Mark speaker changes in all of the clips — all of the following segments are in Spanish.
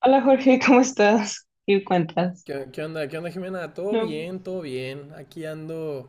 Speaker 1: Hola, Jorge, ¿cómo estás? ¿Qué cuentas?
Speaker 2: ¿Qué onda? ¿Qué onda, Jimena? Todo
Speaker 1: No.
Speaker 2: bien, todo bien. Aquí ando,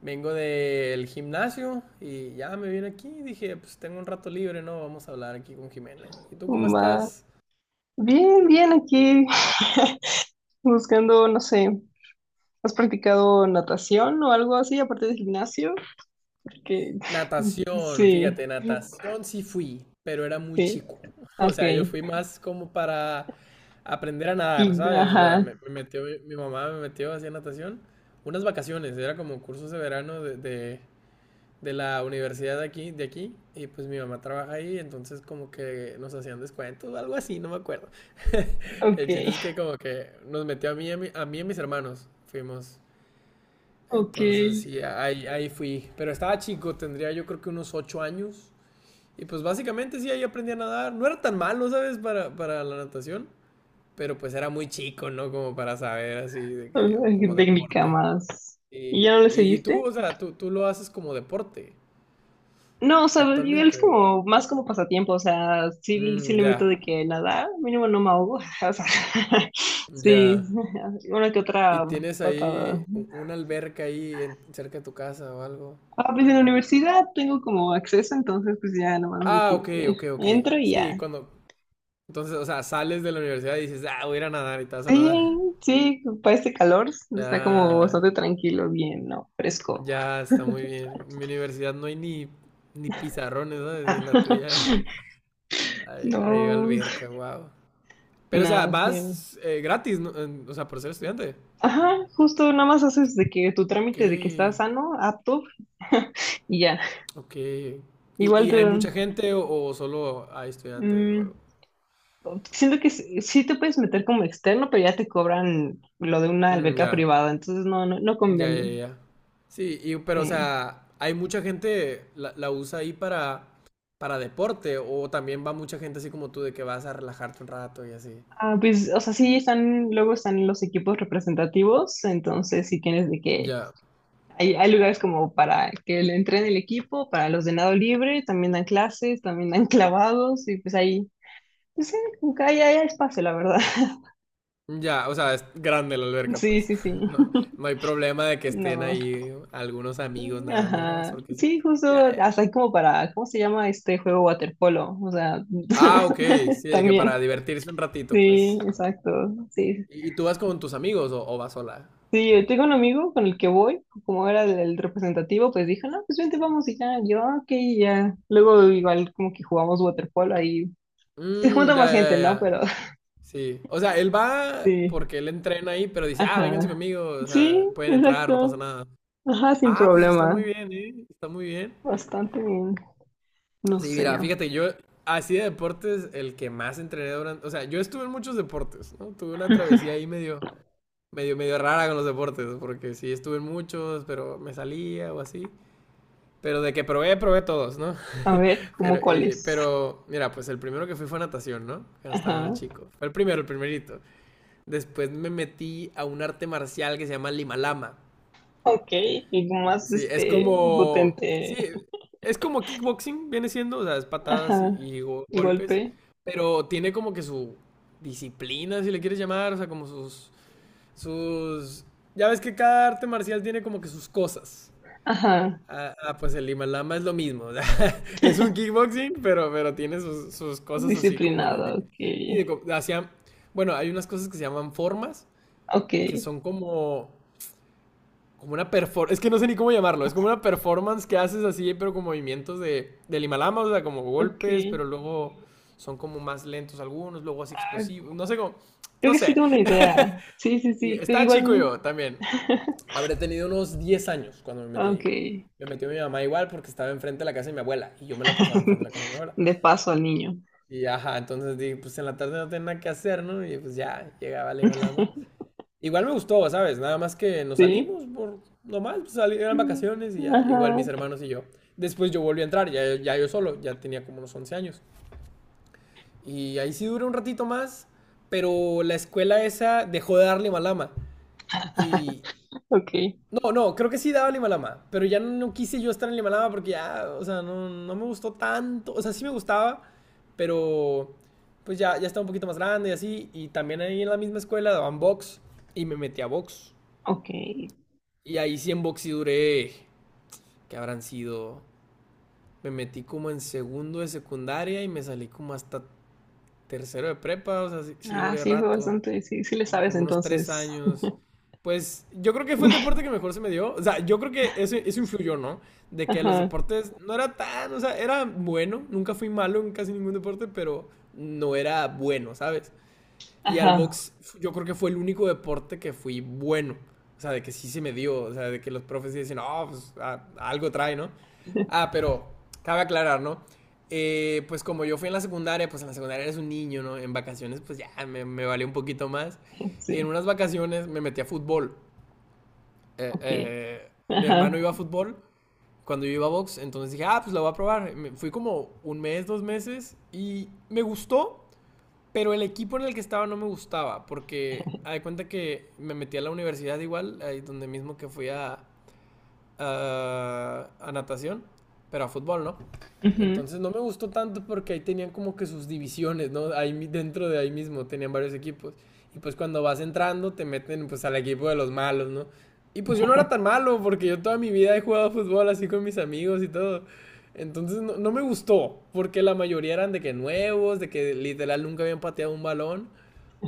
Speaker 2: vengo del gimnasio y ya me vine aquí. Dije, pues tengo un rato libre, ¿no? Vamos a hablar aquí con Jimena. ¿Y tú cómo
Speaker 1: ma-
Speaker 2: estás?
Speaker 1: Bien, bien aquí. Buscando, no sé, ¿has practicado natación o algo así aparte del gimnasio? Porque
Speaker 2: Natación,
Speaker 1: sí,
Speaker 2: fíjate, natación sí fui, pero era muy
Speaker 1: sí,
Speaker 2: chico. O sea, yo fui
Speaker 1: ok.
Speaker 2: más como para aprender a nadar,
Speaker 1: Y,
Speaker 2: ¿sabes? O sea,
Speaker 1: ajá,
Speaker 2: me metió, mi mamá me metió hacia natación. Unas vacaciones, era como cursos de verano de de- la universidad de aquí, y pues mi mamá trabaja ahí, entonces como que nos hacían descuentos, o algo así, no me acuerdo.
Speaker 1: ok,
Speaker 2: El chiste es que como que nos metió a mí, a mí y a mis hermanos, fuimos.
Speaker 1: ok.
Speaker 2: Entonces sí, ahí, ahí fui. Pero estaba chico, tendría yo creo que unos 8 años. Y pues básicamente sí, ahí aprendí a nadar. No era tan malo, ¿sabes? Para la natación. Pero pues era muy chico, ¿no? Como para saber así, de
Speaker 1: Ah,
Speaker 2: que, como
Speaker 1: técnica
Speaker 2: deporte.
Speaker 1: más. ¿Y ya no
Speaker 2: Y,
Speaker 1: le
Speaker 2: y, y tú,
Speaker 1: seguiste?
Speaker 2: o sea, tú lo haces como deporte
Speaker 1: No, o sea, igual es
Speaker 2: actualmente.
Speaker 1: como más como pasatiempo, o sea, sí, sí
Speaker 2: Mm,
Speaker 1: le meto
Speaker 2: ya,
Speaker 1: de que nada, mínimo no me ahogo, o sea, sí,
Speaker 2: ya.
Speaker 1: una que
Speaker 2: ¿Y
Speaker 1: otra
Speaker 2: tienes
Speaker 1: patada.
Speaker 2: ahí una alberca ahí cerca de tu casa o algo?
Speaker 1: Ah, pues en la universidad tengo como acceso, entonces pues ya nomás de que
Speaker 2: Ah, ok, ok, ok.
Speaker 1: entro y
Speaker 2: Sí,
Speaker 1: ya.
Speaker 2: cuando... Entonces, o sea, sales de la universidad y dices, ah, voy a ir a nadar y te vas a nadar.
Speaker 1: Sí, sí, para este calor está como
Speaker 2: Ya,
Speaker 1: bastante tranquilo, bien, ¿no? Fresco.
Speaker 2: ya está muy bien. En mi universidad no hay ni pizarrones, ¿sabes?
Speaker 1: Ah,
Speaker 2: En la tuya hay, hay
Speaker 1: no,
Speaker 2: alberca, wow. Pero, o sea,
Speaker 1: nada, sí.
Speaker 2: vas gratis, ¿no? O sea, por ser estudiante.
Speaker 1: Ajá, justo nada más haces de que tu
Speaker 2: Ok,
Speaker 1: trámite de que estás sano, apto, y ya.
Speaker 2: ok. ¿Y,
Speaker 1: Igual
Speaker 2: y
Speaker 1: te,
Speaker 2: hay mucha gente o solo hay estudiantes o
Speaker 1: mm,
Speaker 2: algo?
Speaker 1: siento que sí te puedes meter como externo, pero ya te cobran lo de una
Speaker 2: Mm,
Speaker 1: alberca
Speaker 2: ya,
Speaker 1: privada, entonces no, no, no
Speaker 2: ya, ya,
Speaker 1: conviene.
Speaker 2: ya. Sí, y, pero o
Speaker 1: Sí.
Speaker 2: sea, hay mucha gente la usa ahí para deporte o también va mucha gente así como tú de que vas a relajarte un rato y así.
Speaker 1: Ah, pues, o sea, sí están, luego están los equipos representativos, entonces sí tienes de que
Speaker 2: Ya,
Speaker 1: hay lugares como para que le entren el equipo, para los de nado libre, también dan clases, también dan clavados, y pues ahí, pues sí, como que ahí hay espacio, la verdad.
Speaker 2: ya, o sea, es grande la alberca,
Speaker 1: Sí,
Speaker 2: pues.
Speaker 1: sí, sí.
Speaker 2: No, no hay problema de que estén
Speaker 1: No.
Speaker 2: ahí algunos amigos nadando, no,
Speaker 1: Ajá.
Speaker 2: porque sí.
Speaker 1: Sí,
Speaker 2: Ya,
Speaker 1: justo
Speaker 2: ya.
Speaker 1: hasta
Speaker 2: Ya.
Speaker 1: ahí como para, ¿cómo se llama este juego waterpolo? O sea,
Speaker 2: Ah, ok, sí, de que para
Speaker 1: también.
Speaker 2: divertirse un ratito,
Speaker 1: Sí,
Speaker 2: pues.
Speaker 1: exacto. Sí.
Speaker 2: ¿Y tú vas con tus amigos o vas sola?
Speaker 1: Sí, yo tengo un amigo con el que voy, como era el representativo, pues dije, no, pues vente, vamos y ya, yo, "Ah, ok, y ya. Luego igual como que jugamos waterpolo ahí. Se
Speaker 2: Mm,
Speaker 1: junta más
Speaker 2: ya,
Speaker 1: gente,
Speaker 2: ya,
Speaker 1: ¿no?
Speaker 2: ya.
Speaker 1: Pero
Speaker 2: Sí, o sea, él va
Speaker 1: sí.
Speaker 2: porque él entrena ahí, pero dice, ah, vénganse
Speaker 1: Ajá.
Speaker 2: conmigo, o sea,
Speaker 1: Sí,
Speaker 2: pueden entrar, no
Speaker 1: exacto.
Speaker 2: pasa nada.
Speaker 1: Ajá, sin
Speaker 2: Ah, pues está muy
Speaker 1: problema.
Speaker 2: bien, ¿eh? Está muy bien.
Speaker 1: Bastante bien. No
Speaker 2: Sí,
Speaker 1: sé.
Speaker 2: mira, fíjate, yo así de deportes, el que más entrené durante, o sea, yo estuve en muchos deportes, ¿no? Tuve una travesía ahí medio, medio, medio rara con los deportes, porque sí estuve en muchos, pero me salía o así. Pero de que probé todos, ¿no?
Speaker 1: A ver,
Speaker 2: Pero,
Speaker 1: ¿cómo cuáles?
Speaker 2: pero, mira, pues el primero que fui fue natación, ¿no? Cuando estaba
Speaker 1: Ajá.
Speaker 2: chico. Fue el primero, el primerito. Después me metí a un arte marcial que se llama Limalama.
Speaker 1: Ok, algo más
Speaker 2: Sí,
Speaker 1: potente.
Speaker 2: es como kickboxing, viene siendo, o sea, es patadas y,
Speaker 1: Ajá.
Speaker 2: y go- golpes.
Speaker 1: Golpe.
Speaker 2: Pero tiene como que su disciplina, si le quieres llamar, o sea, como sus. Sus. Ya ves que cada arte marcial tiene como que sus cosas.
Speaker 1: Ajá.
Speaker 2: Pues el Limalama es lo mismo, o sea, es un kickboxing, pero tiene sus cosas así
Speaker 1: Disciplinado, ok.
Speaker 2: y de co- hacia- bueno, hay unas cosas que se llaman formas,
Speaker 1: Ok,
Speaker 2: que son como una performance, es que no sé ni cómo llamarlo, es como una performance que haces así, pero con movimientos del Himalama, o sea, como
Speaker 1: ok.
Speaker 2: golpes, pero luego son como más lentos algunos, luego así
Speaker 1: Ah,
Speaker 2: explosivos, no sé cómo,
Speaker 1: creo
Speaker 2: no
Speaker 1: que sí
Speaker 2: sé.
Speaker 1: tengo una idea. Sí, sí,
Speaker 2: Y
Speaker 1: sí. Creo que
Speaker 2: estaba chico
Speaker 1: igual.
Speaker 2: yo también, habré tenido unos 10 años cuando me metí
Speaker 1: Ok.
Speaker 2: ahí. Me metió mi mamá igual porque estaba enfrente de la casa de mi abuela y yo me la pasaba enfrente de la casa de mi abuela.
Speaker 1: De paso al niño.
Speaker 2: Y ajá, entonces dije, pues en la tarde no tenía nada que hacer, ¿no? Y pues ya, llegaba la Himalama. Igual me gustó, ¿sabes? Nada más que nos
Speaker 1: Sí.
Speaker 2: salimos por nomás, pues, eran
Speaker 1: No.
Speaker 2: vacaciones y ya, igual
Speaker 1: Ajá.
Speaker 2: mis hermanos y yo. Después yo volví a entrar, ya, yo solo, ya tenía como unos 11 años. Y ahí sí duré un ratito más, pero la escuela esa dejó de dar Limalama. Y
Speaker 1: Ok.
Speaker 2: no, no, creo que sí daba Limalama, pero ya no quise yo estar en Limalama porque ya, o sea, no, no me gustó tanto. O sea, sí me gustaba, pero pues ya, estaba un poquito más grande y así. Y también ahí en la misma escuela daban box y me metí a box.
Speaker 1: Ok.
Speaker 2: Y ahí sí en boxy duré, que habrán sido, me metí como en segundo de secundaria y me salí como hasta tercero de prepa, o sea, sí
Speaker 1: Ah,
Speaker 2: duré
Speaker 1: sí, fue
Speaker 2: rato,
Speaker 1: bastante. Sí, sí le
Speaker 2: y
Speaker 1: sabes
Speaker 2: como unos tres
Speaker 1: entonces.
Speaker 2: años. Pues yo creo que fue el deporte que mejor se me dio. O sea, yo creo que eso influyó, ¿no? De que los
Speaker 1: Ajá.
Speaker 2: deportes no era tan, o sea, era bueno, nunca fui malo en casi ningún deporte, pero no era bueno, ¿sabes? Y al
Speaker 1: Ajá.
Speaker 2: box yo creo que fue el único deporte que fui bueno. O sea, de que sí se me dio. O sea, de que los profes dicen, oh, pues a algo trae, ¿no? Ah, pero cabe aclarar, ¿no? Pues como yo fui en la secundaria, pues en la secundaria eres un niño, ¿no? En vacaciones, pues ya me valió un poquito más. En
Speaker 1: Sí.
Speaker 2: unas vacaciones me metí a fútbol. Eh,
Speaker 1: Ok.
Speaker 2: eh, Mi hermano iba
Speaker 1: Ajá.
Speaker 2: a fútbol cuando yo iba a box, entonces dije, ah, pues la voy a probar. Fui como un mes, 2 meses y me gustó, pero el equipo en el que estaba no me gustaba, porque haz de cuenta que me metí a la universidad igual, ahí donde mismo que fui a natación, pero a fútbol, ¿no?
Speaker 1: Ujú.
Speaker 2: Entonces no me gustó tanto porque ahí tenían como que sus divisiones, ¿no? Ahí dentro de ahí mismo tenían varios equipos. Y pues cuando vas entrando te meten pues al equipo de los malos, ¿no? Y pues yo no era tan malo porque yo toda mi vida he jugado fútbol así con mis amigos y todo. Entonces no, no me gustó porque la mayoría eran de que nuevos, de que literal nunca habían pateado un balón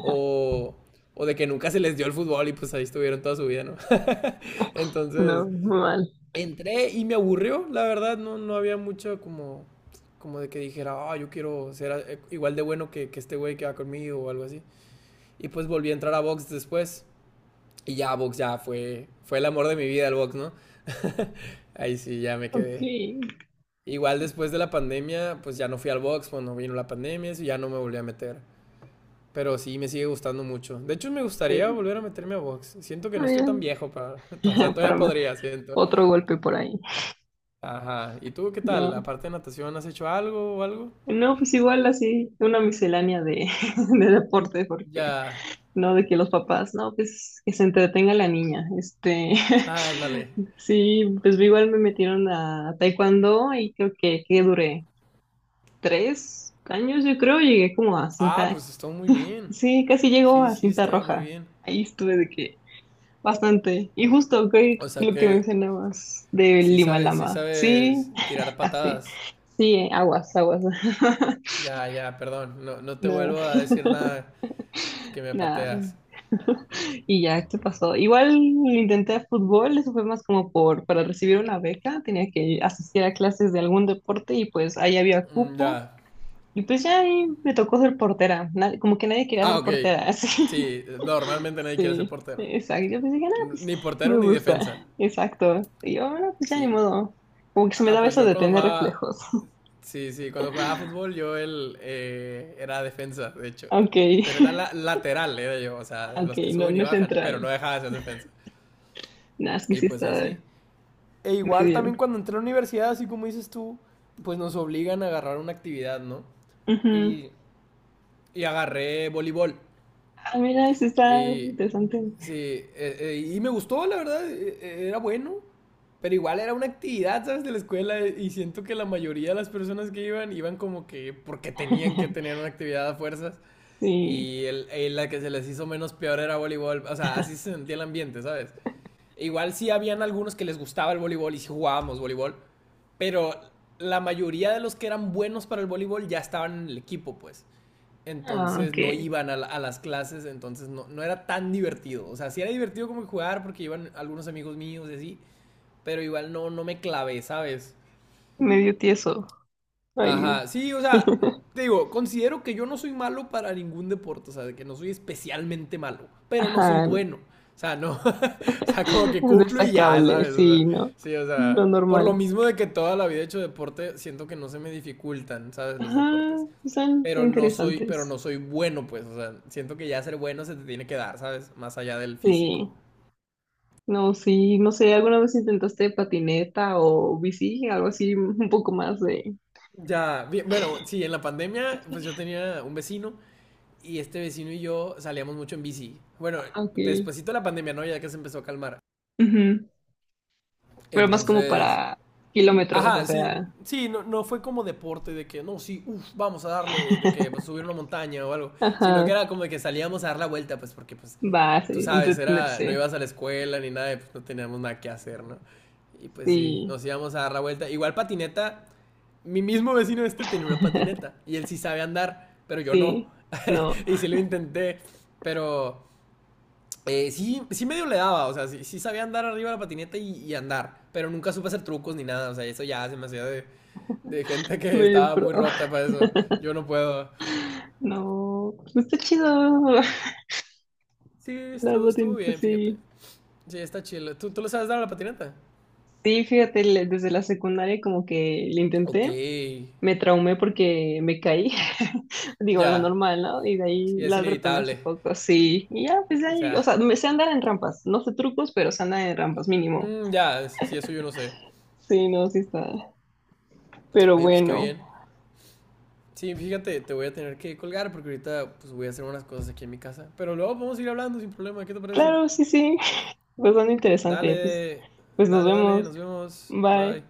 Speaker 2: o, o de que nunca se les dio el fútbol y pues ahí estuvieron toda su vida, ¿no?
Speaker 1: No,
Speaker 2: Entonces
Speaker 1: muy mal.
Speaker 2: entré y me aburrió, la verdad, no, no había mucho como, como de que dijera, ah, yo quiero ser igual de bueno que este güey que va conmigo o algo así. Y pues volví a entrar a box después y ya box ya fue, fue el amor de mi vida el box, ¿no? Ahí sí, ya me
Speaker 1: Ok,
Speaker 2: quedé.
Speaker 1: sí.
Speaker 2: Igual después de la pandemia, pues ya no fui al box, cuando vino la pandemia, eso ya no me volví a meter. Pero sí, me sigue gustando mucho. De hecho, me
Speaker 1: Está
Speaker 2: gustaría volver a meterme a box. Siento que no estoy tan
Speaker 1: bien.
Speaker 2: viejo para... O sea, todavía
Speaker 1: Para
Speaker 2: podría, siento.
Speaker 1: otro golpe por ahí.
Speaker 2: Ajá. ¿Y tú qué tal?
Speaker 1: No.
Speaker 2: Aparte de natación, ¿has hecho algo o algo?
Speaker 1: No, pues igual así, una miscelánea de, de deporte, porque
Speaker 2: Ya.
Speaker 1: no de que los papás, no, pues que se entretenga la niña.
Speaker 2: Ah, ándale.
Speaker 1: Sí, pues igual me metieron a taekwondo y creo que duré 3 años, yo creo, llegué como a
Speaker 2: Ah,
Speaker 1: cinta,
Speaker 2: pues está muy bien.
Speaker 1: sí, casi llegó
Speaker 2: Sí,
Speaker 1: a
Speaker 2: sí,
Speaker 1: cinta
Speaker 2: está muy
Speaker 1: roja.
Speaker 2: bien.
Speaker 1: Ahí estuve de que bastante. Y justo que
Speaker 2: O sea
Speaker 1: lo que
Speaker 2: que
Speaker 1: mencionabas de Lima
Speaker 2: sí
Speaker 1: Lama. Sí,
Speaker 2: sabes tirar
Speaker 1: así.
Speaker 2: patadas.
Speaker 1: Sí, aguas, aguas.
Speaker 2: Ya, ya, perdón. No, no te
Speaker 1: Nada.
Speaker 2: vuelvo a decir nada que me
Speaker 1: Nada.
Speaker 2: pateas.
Speaker 1: Y ya, esto pasó. Igual intenté fútbol, eso fue más como para recibir una beca, tenía que asistir a clases de algún deporte y pues ahí había
Speaker 2: Mm,
Speaker 1: cupo.
Speaker 2: ya.
Speaker 1: Y pues ya ahí me tocó ser portera, como que nadie quería
Speaker 2: Ah,
Speaker 1: ser
Speaker 2: ok.
Speaker 1: portera, así.
Speaker 2: Sí, normalmente nadie quiere ser
Speaker 1: Sí,
Speaker 2: portero.
Speaker 1: exacto. Yo pues dije, no, pues
Speaker 2: Ni
Speaker 1: me
Speaker 2: portero ni defensa.
Speaker 1: gusta. Exacto. Y yo, bueno, pues ya ni
Speaker 2: Sí.
Speaker 1: modo. Como que se me
Speaker 2: Ah,
Speaker 1: daba
Speaker 2: pues
Speaker 1: eso
Speaker 2: yo
Speaker 1: de
Speaker 2: cuando
Speaker 1: tener
Speaker 2: jugaba
Speaker 1: reflejos.
Speaker 2: Sí, cuando jugaba fútbol yo él era defensa, de hecho.
Speaker 1: Ok,
Speaker 2: Pero era lateral, era yo, o sea, de
Speaker 1: ok,
Speaker 2: los que
Speaker 1: no,
Speaker 2: suben y
Speaker 1: no es
Speaker 2: bajan, pero no
Speaker 1: central.
Speaker 2: dejaba de ser defensa.
Speaker 1: Nada, es que
Speaker 2: Y
Speaker 1: sí
Speaker 2: pues así.
Speaker 1: está
Speaker 2: E igual
Speaker 1: medio.
Speaker 2: también cuando entré a la universidad, así como dices tú, pues nos obligan a agarrar una actividad, ¿no?
Speaker 1: Ujú.
Speaker 2: Y, y agarré voleibol.
Speaker 1: Ah, mira, eso está
Speaker 2: Y
Speaker 1: interesante.
Speaker 2: sí, y me gustó, la verdad, era bueno. Pero igual era una actividad, ¿sabes? De la escuela y siento que la mayoría de las personas que iban iban como que porque tenían que tener una actividad a fuerzas.
Speaker 1: Sí.
Speaker 2: Y la que se les hizo menos peor era voleibol. O sea, así se sentía el ambiente, ¿sabes? Igual sí habían algunos que les gustaba el voleibol y sí jugábamos voleibol. Pero la mayoría de los que eran buenos para el voleibol ya estaban en el equipo, pues.
Speaker 1: Ah,
Speaker 2: Entonces
Speaker 1: ok.
Speaker 2: no iban a, a las clases, entonces no, no era tan divertido. O sea, sí era divertido como jugar porque iban algunos amigos míos y así. Pero igual no, no me clavé, ¿sabes?
Speaker 1: Medio tieso. Ahí.
Speaker 2: Ajá, sí, o sea, te digo, considero que yo no soy malo para ningún deporte, o sea, de que no soy especialmente malo, pero no soy
Speaker 1: Ajá.
Speaker 2: bueno. O sea, no, o sea, como que cumplo y ya,
Speaker 1: Destacable,
Speaker 2: ¿sabes? O sea,
Speaker 1: sí, no.
Speaker 2: sí, o
Speaker 1: Lo
Speaker 2: sea, por lo
Speaker 1: normal.
Speaker 2: mismo de que toda la vida he hecho deporte, siento que no se me dificultan, ¿sabes? Los
Speaker 1: Ajá,
Speaker 2: deportes.
Speaker 1: son
Speaker 2: Pero pero
Speaker 1: interesantes.
Speaker 2: no soy bueno, pues, o sea, siento que ya ser bueno se te tiene que dar, ¿sabes? Más allá del físico.
Speaker 1: Sí. No, sí, no sé, ¿alguna vez intentaste patineta o bici? Algo así, un poco más de.
Speaker 2: Ya, bien, bueno, sí, en la pandemia, pues yo tenía un vecino y este vecino y yo salíamos mucho en bici. Bueno,
Speaker 1: Ah, ok.
Speaker 2: despuesito de la pandemia, ¿no? Ya que se empezó a calmar.
Speaker 1: Ujú. Pero más como
Speaker 2: Entonces,
Speaker 1: para kilómetros, o
Speaker 2: ajá, sí,
Speaker 1: sea,
Speaker 2: sí, no, no fue como deporte de que, no, sí, uff, vamos a darle, de que pues, subir una montaña o algo, sino que
Speaker 1: ajá,
Speaker 2: era como de que salíamos a dar la vuelta, pues porque, pues,
Speaker 1: va,
Speaker 2: tú
Speaker 1: sí,
Speaker 2: sabes, era, no
Speaker 1: entretenerse,
Speaker 2: ibas a la escuela ni nada, pues no teníamos nada que hacer, ¿no? Y pues sí,
Speaker 1: sí,
Speaker 2: nos íbamos a dar la vuelta. Igual patineta, mi mismo vecino este tenía una patineta y él sí sabe andar, pero yo no.
Speaker 1: sí, no,
Speaker 2: Y sí lo intenté, pero sí, medio le daba, o sea, sí, sabía andar arriba de la patineta y andar, pero nunca supe hacer trucos ni nada, o sea, eso ya se me hacía de gente que
Speaker 1: medio
Speaker 2: estaba
Speaker 1: pro,
Speaker 2: muy rota para eso. Yo no puedo.
Speaker 1: no, pues está chido,
Speaker 2: Sí,
Speaker 1: la
Speaker 2: estuvo
Speaker 1: patineta,
Speaker 2: bien,
Speaker 1: sí.
Speaker 2: fíjate. Sí, está chido. ¿Tú le sabes dar a la patineta?
Speaker 1: Sí, fíjate, desde la secundaria como que le
Speaker 2: Ok.
Speaker 1: intenté, me traumé porque me caí, digo, lo
Speaker 2: Ya.
Speaker 1: normal, ¿no? Y de ahí
Speaker 2: Sí, es
Speaker 1: la retomé hace
Speaker 2: inevitable.
Speaker 1: poco, sí. Y ya, pues
Speaker 2: O
Speaker 1: ahí, o
Speaker 2: sea,
Speaker 1: sea, me sé andar en rampas, no sé trucos, pero sé andar en rampas mínimo.
Speaker 2: mm, ya, sí, eso yo no sé.
Speaker 1: Sí, no, sí está. Pero
Speaker 2: Oye, pues qué
Speaker 1: bueno,
Speaker 2: bien. Sí, fíjate, te voy a tener que colgar porque ahorita pues voy a hacer unas cosas aquí en mi casa. Pero luego podemos ir hablando sin problema, ¿qué te parece?
Speaker 1: claro, sí, sí, pues son interesante, pues,
Speaker 2: Dale,
Speaker 1: pues nos
Speaker 2: dale, dale,
Speaker 1: vemos.
Speaker 2: nos vemos.
Speaker 1: Bye.
Speaker 2: Bye.